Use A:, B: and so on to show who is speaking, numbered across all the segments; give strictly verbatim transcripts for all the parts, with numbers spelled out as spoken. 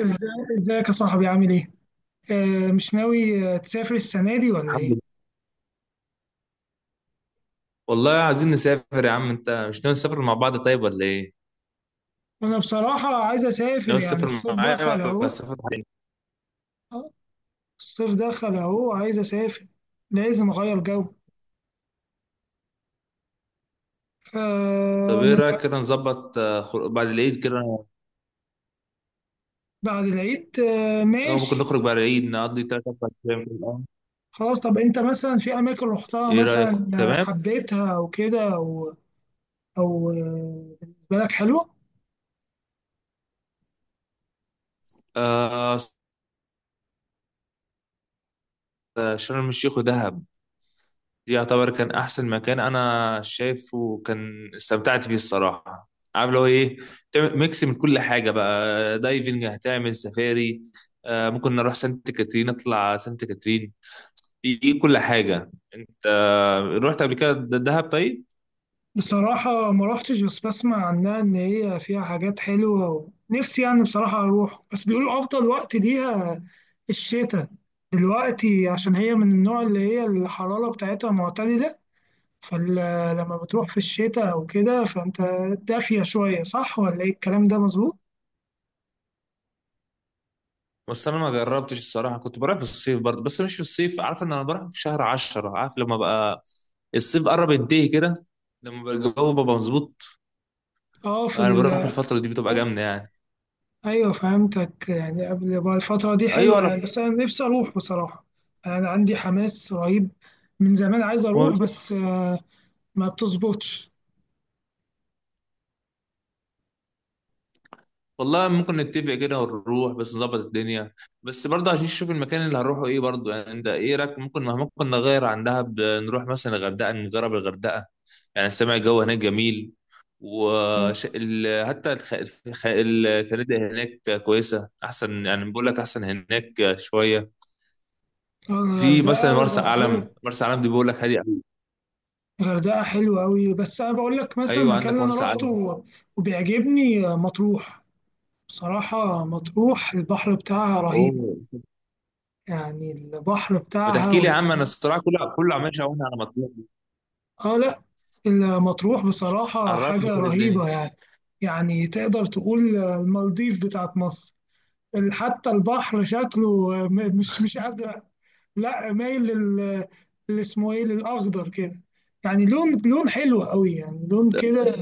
A: ازاي ازيك يا صاحبي، عامل ايه؟ آه مش ناوي آه، تسافر السنة دي ولا
B: الحمد
A: ايه؟
B: لله. والله عايزين نسافر يا عم، انت مش ناوي تسافر مع بعض طيب ولا ايه؟
A: انا بصراحة عايز اسافر،
B: ناوي
A: يعني
B: تسافر
A: الصيف دخل
B: معايا ولا
A: اهو.
B: تسافر حاجة؟
A: آه، الصيف دخل اهو، عايز اسافر. لازم اغير جو.
B: طب ايه
A: فأنا
B: رايك كده نظبط، آه، خر- بعد العيد كده.
A: بعد العيد آه
B: لو ممكن
A: ماشي.
B: نخرج بعد العيد نقضي تلات اربع ايام في الأول.
A: خلاص. طب انت مثلا في اماكن رحتها
B: ايه رايك
A: مثلا آه،
B: تمام؟
A: حبيتها او كده او او آه، بالنسبة لك حلوة؟
B: آه. آه، شرم الشيخ ودهب، دي يعتبر كان احسن مكان انا شايفه، كان استمتعت فيه الصراحه. عارف اللي هو ايه؟ تعمل ميكس من كل حاجه، بقى دايفنج، هتعمل سفاري. آه ممكن نروح سانت كاترين، نطلع سانت كاترين، في كل حاجة انت. رحت قبل كده د- دهب؟ طيب.
A: بصراحة ما روحتش، بس بسمع عنها إن هي فيها حاجات حلوة ونفسي يعني بصراحة أروح، بس بيقولوا أفضل وقت ليها الشتاء دلوقتي، عشان هي من النوع اللي هي الحرارة بتاعتها معتدلة. فلما بتروح في الشتاء أو كده فأنت دافية شوية، صح ولا إيه الكلام ده مظبوط؟
B: بس انا ما جربتش الصراحة، كنت بروح في الصيف برضه، بس مش في الصيف، عارف ان انا بروح في شهر عشرة، عارف لما بقى الصيف قرب ينتهي كده، لما بقى الجو بقى مظبوط
A: أه في
B: انا بروح في
A: ال...
B: الفترة دي، بتبقى جامدة يعني.
A: أيوه فهمتك، يعني قبل بقى الفترة دي حلوة
B: ايوه.
A: يعني، بس أنا نفسي أروح بصراحة. أنا عندي حماس رهيب، من زمان عايز
B: انا
A: أروح، بس آه، ما بتظبطش.
B: والله ممكن نتفق كده ونروح، بس نظبط الدنيا، بس برضه عشان نشوف المكان اللي هنروحه ايه برضه، يعني انت ايه رايك؟ ممكن ممكن نغير عن دهب، نروح مثلا الغردقه، نجرب الغردقه، يعني سامع الجو هناك جميل.
A: آه.
B: وش... ال... حتى الخ... الخ... الفنادق هناك كويسه احسن، يعني بقول لك احسن هناك شويه.
A: آه،
B: في مثلا
A: الغردقة
B: مرسى
A: طب حلو.
B: علم، مرسى علم دي بقول لك هادي أوي.
A: الغردقة حلوة أوي، بس أنا بقول لك مثلا
B: ايوه
A: المكان
B: عندك
A: اللي أنا
B: مرسى علم.
A: روحته وبيعجبني آه، مطروح. بصراحة مطروح البحر بتاعها رهيب،
B: اوه.
A: يعني البحر
B: ما
A: بتاعها
B: تحكي لي يا عم، انا
A: وال...
B: الصراحه كله كله عمال شاورني على مطروح،
A: آه لا، المطروح بصراحة حاجة
B: عرفني كده
A: رهيبة
B: الدنيا.
A: يعني، يعني تقدر تقول المالديف بتاعت مصر. ال- حتى البحر شكله م- مش مش أزرق، لا مايل لل اللي اسمه ايه، للاخضر كده. يعني لون، لون حلو قوي، يعني لون كده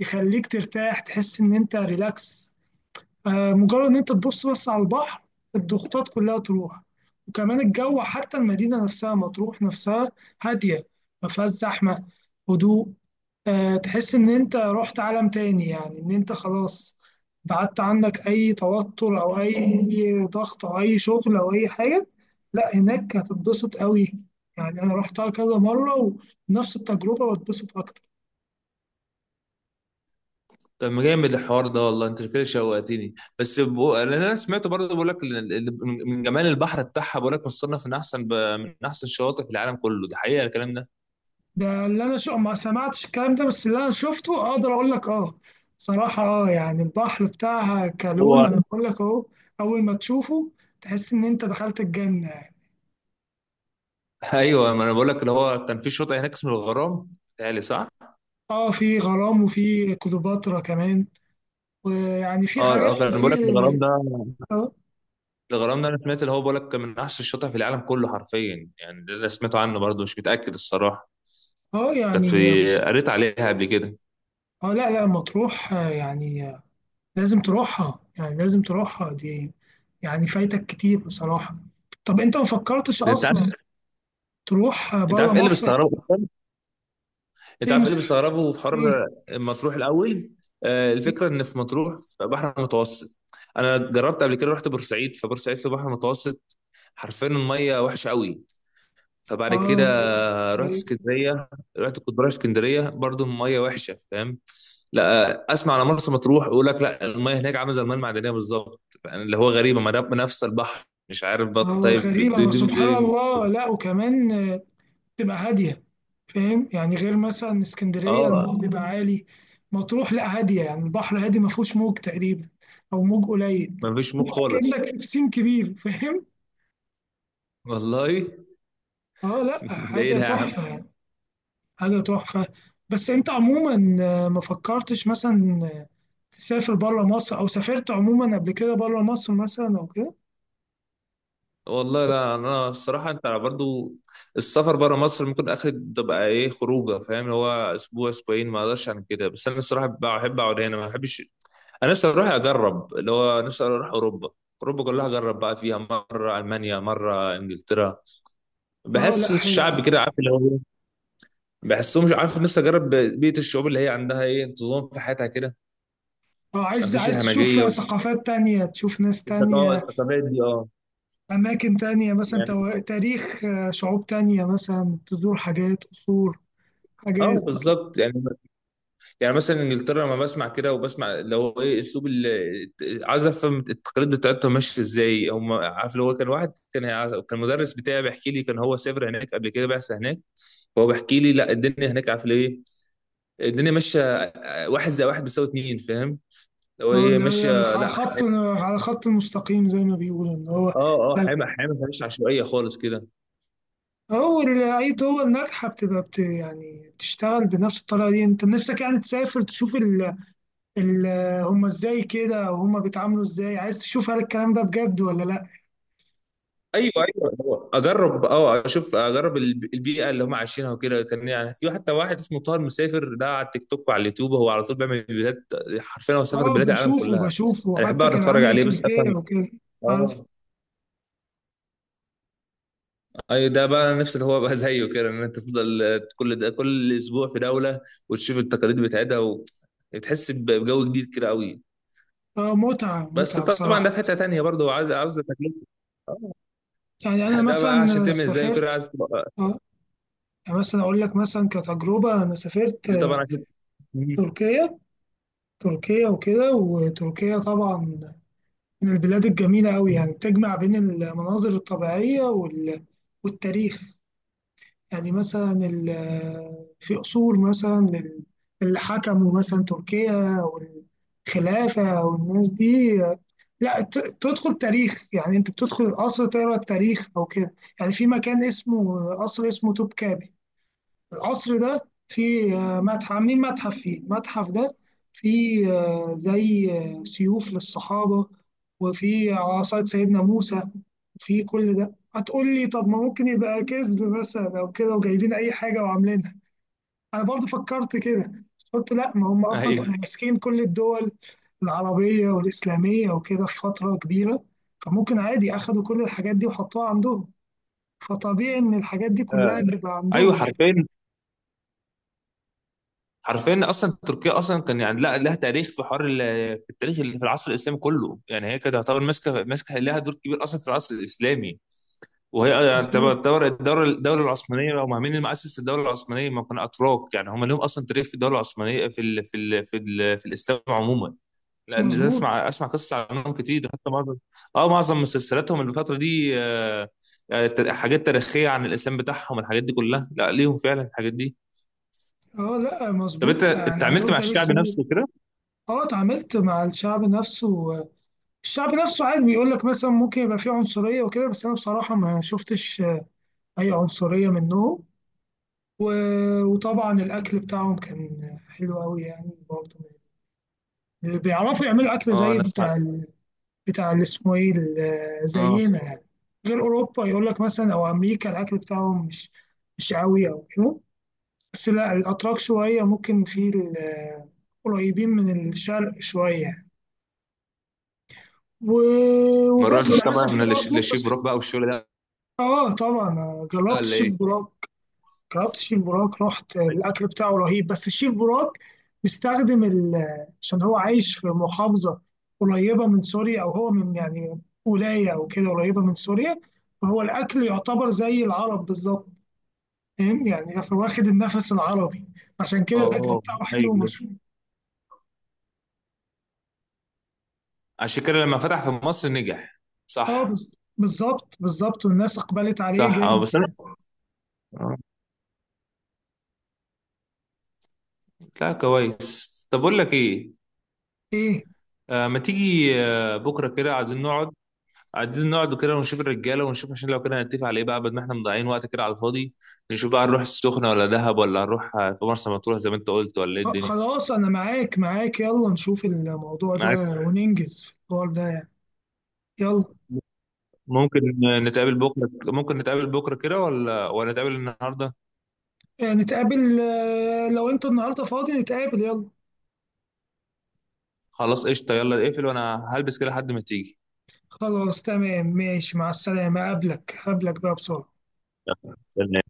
A: يخليك ترتاح، تحس ان انت ريلاكس. آه، مجرد ان انت تبص بس على البحر، الضغوطات كلها تروح. وكمان الجو، حتى المدينة نفسها مطروح نفسها هادية، ما فيهاش زحمة، هدوء. آه، تحس إن أنت رحت عالم تاني، يعني إن أنت خلاص بعدت عنك أي توتر أو أي ضغط أو أي شغل أو أي حاجة. لا هناك هتتبسط قوي. يعني أنا رحتها كذا مرة ونفس التجربة واتبسط أكتر.
B: طب ما جامد الحوار ده والله، انت كده شوقتني، بس بو... لان انا سمعت برضه بقول لك، ال- ال- من جمال البحر بتاعها بقول لك مصنف من احسن، ب... من احسن الشواطئ في العالم كله، ده حقيقه الكلام ده.
A: ده اللي أنا شو ما سمعتش الكلام ده، بس اللي أنا شفته أقدر أقول لك أه. صراحة أه، يعني البحر بتاعها كالون
B: هو
A: أنا بقول لك أهو، أول ما تشوفه تحس إن أنت دخلت الجنة.
B: ايوه، ما انا بقول لك اللي هو كان في شاطئ هناك اسمه الغرام، بتهيألي صح؟
A: أه، في غرام وفي كليوباترا كمان، ويعني في
B: اه
A: حاجات
B: اه، كان بقول
A: كتير.
B: لك الغرام ده،
A: اه
B: الغرام ده انا سمعت اللي هو بقول لك كان من احسن الشاطئ في العالم كله حرفيا، يعني ده اللي سمعته عنه برضه، مش متاكد الصراحه.
A: اه
B: كانت
A: يعني
B: في...
A: بس.
B: قريت عليها قبل كده.
A: اه لا لا، مطروح آه، يعني آه، لازم تروحها، يعني لازم تروحها دي، يعني فايتك كتير بصراحة. طب انت ما فكرتش
B: ده انت عارف،
A: اصلا تروح
B: انت عارف
A: بره
B: ايه اللي
A: مصر؟
B: مستغربه، انت
A: ايه
B: عارف ايه اللي
A: مصر.
B: بيستغربه في
A: ايه.
B: حر مطروح الاول؟ آه،
A: إيه؟
B: الفكره ان في مطروح في بحر متوسط. انا جربت قبل كده، رحت بورسعيد، فبورسعيد في بحر متوسط، حرفيا الميه وحشه قوي. فبعد
A: اه.
B: كده رحت
A: إيه؟
B: اسكندريه. رحت كنت بروح اسكندريه برضو، الميه وحشه فاهم. لا اسمع، على مرسى مطروح، يقول لك لا الميه هناك عامله زي الميه المعدنيه بالظبط، يعني اللي هو غريبه، ما ده نفس البحر مش عارف بقى،
A: اه.
B: طيب
A: غريبة،
B: دي
A: ما
B: دي
A: سبحان
B: دي
A: الله، لا وكمان آه، تبقى هادية، فاهم يعني؟ غير مثلا اسكندرية
B: اه.
A: الموج بيبقى عالي، مطروح لا هادية، يعني البحر هادي ما فيهوش موج تقريبا، او موج قليل.
B: ما فيش موج خالص،
A: كأنك في بسين كبير، فاهم؟
B: والله.
A: اه لا،
B: ده ايه
A: حاجة
B: ده يا عم؟
A: تحفة يعني، حاجة تحفة. بس انت عموما آه، ما فكرتش مثلا آه، تسافر بره مصر، او سافرت عموما قبل كده بره مصر مثلا او كده؟
B: والله لا، انا الصراحه انت برضو، السفر بره مصر ممكن اخر، تبقى ايه خروجه، فاهم اللي هو، اسبوع اسبوعين ما اقدرش عن كده، بس انا الصراحه بقى- بحب اقعد هنا، ما بحبش. انا نفسي اروح اجرب اللي هو، نفسي اروح اوروبا، اوروبا كلها اجرب بقى فيها، مره المانيا مره انجلترا،
A: اه لا
B: بحس
A: حلو.
B: الشعب كده، عارف اللي هو إيه؟ بحسهم مش عارف، نفسي اجرب بيئه الشعوب اللي هي عندها ايه انتظام في حياتها كده.
A: اه
B: ما
A: عايز،
B: فيش
A: عايز
B: الهمجيه
A: تشوف ثقافات تانية، تشوف ناس
B: والثقافه،
A: تانية،
B: الثقافات دي. اه
A: أماكن تانية، مثلا
B: يعني،
A: تو- تاريخ آه، شعوب تانية، مثلا تزور حاجات، قصور،
B: اه
A: حاجات.
B: بالظبط يعني. يعني مثلا انجلترا، لما بسمع كده وبسمع اللي هو ايه اسلوب ال- عايز افهم التقاليد بتاعتهم ماشيه ازاي هم، عارف اللي هو، كان واحد كان كان المدرس بتاعي بيحكي لي، كان هو سافر هناك قبل كده، بعثه هناك، فهو بيحكي لي لا الدنيا هناك عارف ايه، الدنيا ماشيه، واحد زي واحد بيساوي اتنين فاهم، اللي هو
A: اه
B: ايه
A: اللي هي
B: ماشيه،
A: على
B: لا
A: خط،
B: ح-
A: على خط المستقيم زي ما بيقولوا، ان هو
B: اه اه، حامي حامي، مش عشوائيه خالص كده.
A: هو ال- اي دول ناجحه بتبقى بت يعني بتشتغل بنفس الطريقه دي. انت نفسك يعني تسافر تشوف ال ال هم ازاي كده، وهم بيتعاملوا ازاي، عايز تشوف هل الكلام ده بجد ولا لا.
B: ايوه ايوه، هو اجرب اه اشوف، اجرب الب- البيئه اللي هم عايشينها وكده، كان يعني في حتى واحد اسمه طاهر مسافر، ده على التيك توك وعلى اليوتيوب، هو على طول بيعمل فيديوهات، حرفيا هو سافر
A: اه
B: بلاد العالم
A: بشوفه
B: كلها،
A: بشوفه،
B: انا بحب
A: حتى
B: اقعد
A: كان
B: اتفرج
A: عامل
B: عليه بس
A: تركيا
B: افهم.
A: وكده، عارف.
B: اه. ايوه، ده بقى انا نفسي اللي هو، بقى زيه كده، ان انت تفضل كل ده، كل اسبوع في دوله، وتشوف التقاليد بتاعتها، و- بتحس ب- بجو جديد كده قوي.
A: اه متعه،
B: بس
A: متعه
B: طبعا ده
A: بصراحه.
B: في حته تانيه برضه، عاوز عاوز تكلفه. آه.
A: يعني انا
B: ده بقى عشان
A: مثلا
B: تعمل زيه كده
A: سافرت
B: عايز تبقى-
A: اه يعني مثلا اقول لك مثلا كتجربه انا سافرت
B: دي طبعا عشان.
A: تركيا. تركيا وكده وتركيا طبعا من البلاد الجميلة أوي، يعني تجمع بين المناظر الطبيعية وال... والتاريخ. يعني مثلا ال... في أصول مثلا لل- اللي حكموا مثلا تركيا والخلافة والناس دي. لا ت... تدخل تاريخ، يعني أنت بتدخل القصر تقرأ التاريخ أو كده. يعني في مكان اسمه قصر، اسمه توبكابي. القصر ده فيه آه، متحف، عاملين متحف فيه. المتحف ده فيه آه، زي آه، سيوف للصحابة، وفيه عصاية سيدنا موسى، وفيه كل ده. هتقول لي طب ما ممكن يبقى كذب مثلا أو كده، وجايبين أي حاجة وعاملينها. أنا برضو فكرت كده. قلت لأ، ما هم أصلا
B: ايوه
A: كانوا ماسكين كل الدول العربية والإسلامية وكده في فترة كبيرة، فممكن عادي أخدوا كل الحاجات دي وحطوها عندهم، فطبيعي إن الحاجات دي كلها تبقى
B: ايوه
A: عندهم.
B: حرفيا، حرفيا اصلا تركيا اصلا كان يعني، لا لها تاريخ في حوار، ال- في التاريخ اللي في العصر الاسلامي كله، يعني هي كانت تعتبر ماسكه، ماسكه لها دور كبير اصلا في العصر الاسلامي. وهي يعني
A: مظبوط،
B: تعتبر الدوله الدوله العثمانيه، هم مين اللي مؤسس الدوله العثمانيه؟ ما كانوا اتراك يعني، هم لهم اصلا تاريخ في الدوله العثمانيه، في ال في ال في, ال في الاسلام عموما. لا ده
A: مظبوط.
B: اسمع اسمع قصص عنهم كتير، حتى معظم، اه معظم مسلسلاتهم الفتره دي، آه، آه، حاجات تاريخيه عن الاسلام بتاعهم، الحاجات دي كلها لا ليهم فعلا الحاجات دي.
A: اه لا
B: طب انت
A: مظبوط،
B: انت
A: يعني
B: عملت
A: عندهم
B: مع
A: تاريخ
B: الشعب
A: كبير.
B: نفسه كده؟
A: اه اتعاملت مع الشعب نفسه. الشعب نفسه عادي، بيقول لك مثلا ممكن يبقى فيه عنصرية وكده، بس انا بصراحة ما شفتش اي عنصرية منهم. و- وطبعا الاكل بتاعهم كان حلو قوي يعني برضه، بيعرفوا يعملوا اكل
B: اه
A: زي
B: انا سمعت.
A: بتاع ال- بتاع اللي اسمه ايه ال-
B: اه
A: زينا يعني. غير اوروبا، يقول لك مثلا او امريكا الاكل بتاعهم مش، مش قوي او كده. بس لا الاتراك شوية ممكن في ال- قريبين من الشرق شوية. و-
B: ما
A: وبس
B: روحتش
A: انا
B: طبعا
A: مثلا في
B: من
A: برضه
B: للشيف
A: بس.
B: بروك بقى، والشغل ده
A: اه طبعا آه، جربت
B: ولا
A: الشيف
B: ايه؟
A: براك. جربت الشيف براك، رحت، آه،
B: ايوه.
A: الاكل بتاعه رهيب. بس الشيف براك بيستخدم ال- آه، عشان هو عايش في محافظه قريبه من سوريا، او هو من يعني ولايه او كده قريبه من سوريا. فهو الاكل يعتبر زي العرب بالظبط، فاهم يعني؟ واخد النفس العربي، عشان كده الاكل
B: اه.
A: بتاعه حلو
B: ايوه،
A: ومشهور.
B: عشان كده لما فتح في مصر نجح.
A: اه
B: صح.
A: بز- بالظبط بالظبط، والناس اقبلت عليه
B: صح، اه
A: جامد
B: بس انا،
A: يعني.
B: اه، لا كويس. طب اقول لك ايه؟
A: ايه؟
B: آه ما تيجي آه بكره كده، عايزين نقعد، عايزين نقعد كده ونشوف الرجاله، ونشوف عشان لو كده هنتفق على ايه بقى، بدل ما احنا مضيعين وقت كده على الفاضي، نشوف بقى هنروح السخنه ولا دهب، ولا هنروح آه، في مرسى مطروح زي ما انت قلت، ولا ايه
A: خ-
B: الدنيا؟
A: خلاص أنا معاك، معاك، يلا نشوف الموضوع ده
B: معاك.
A: وننجز في الحوار ده يعني. يلا.
B: ممكن نتقابل بكره ممكن نتقابل بكره كده، ولا ولا نتقابل النهارده؟
A: آه، نتقابل آه، لو أنت النهاردة فاضي نتقابل، يلا.
B: خلاص قشطه، يلا اقفل وانا هلبس كده لحد ما تيجي.
A: خلاص تمام، ماشي، مع السلامة، أقابلك أقابلك بقى بسرعة.
B: يلا. سلام.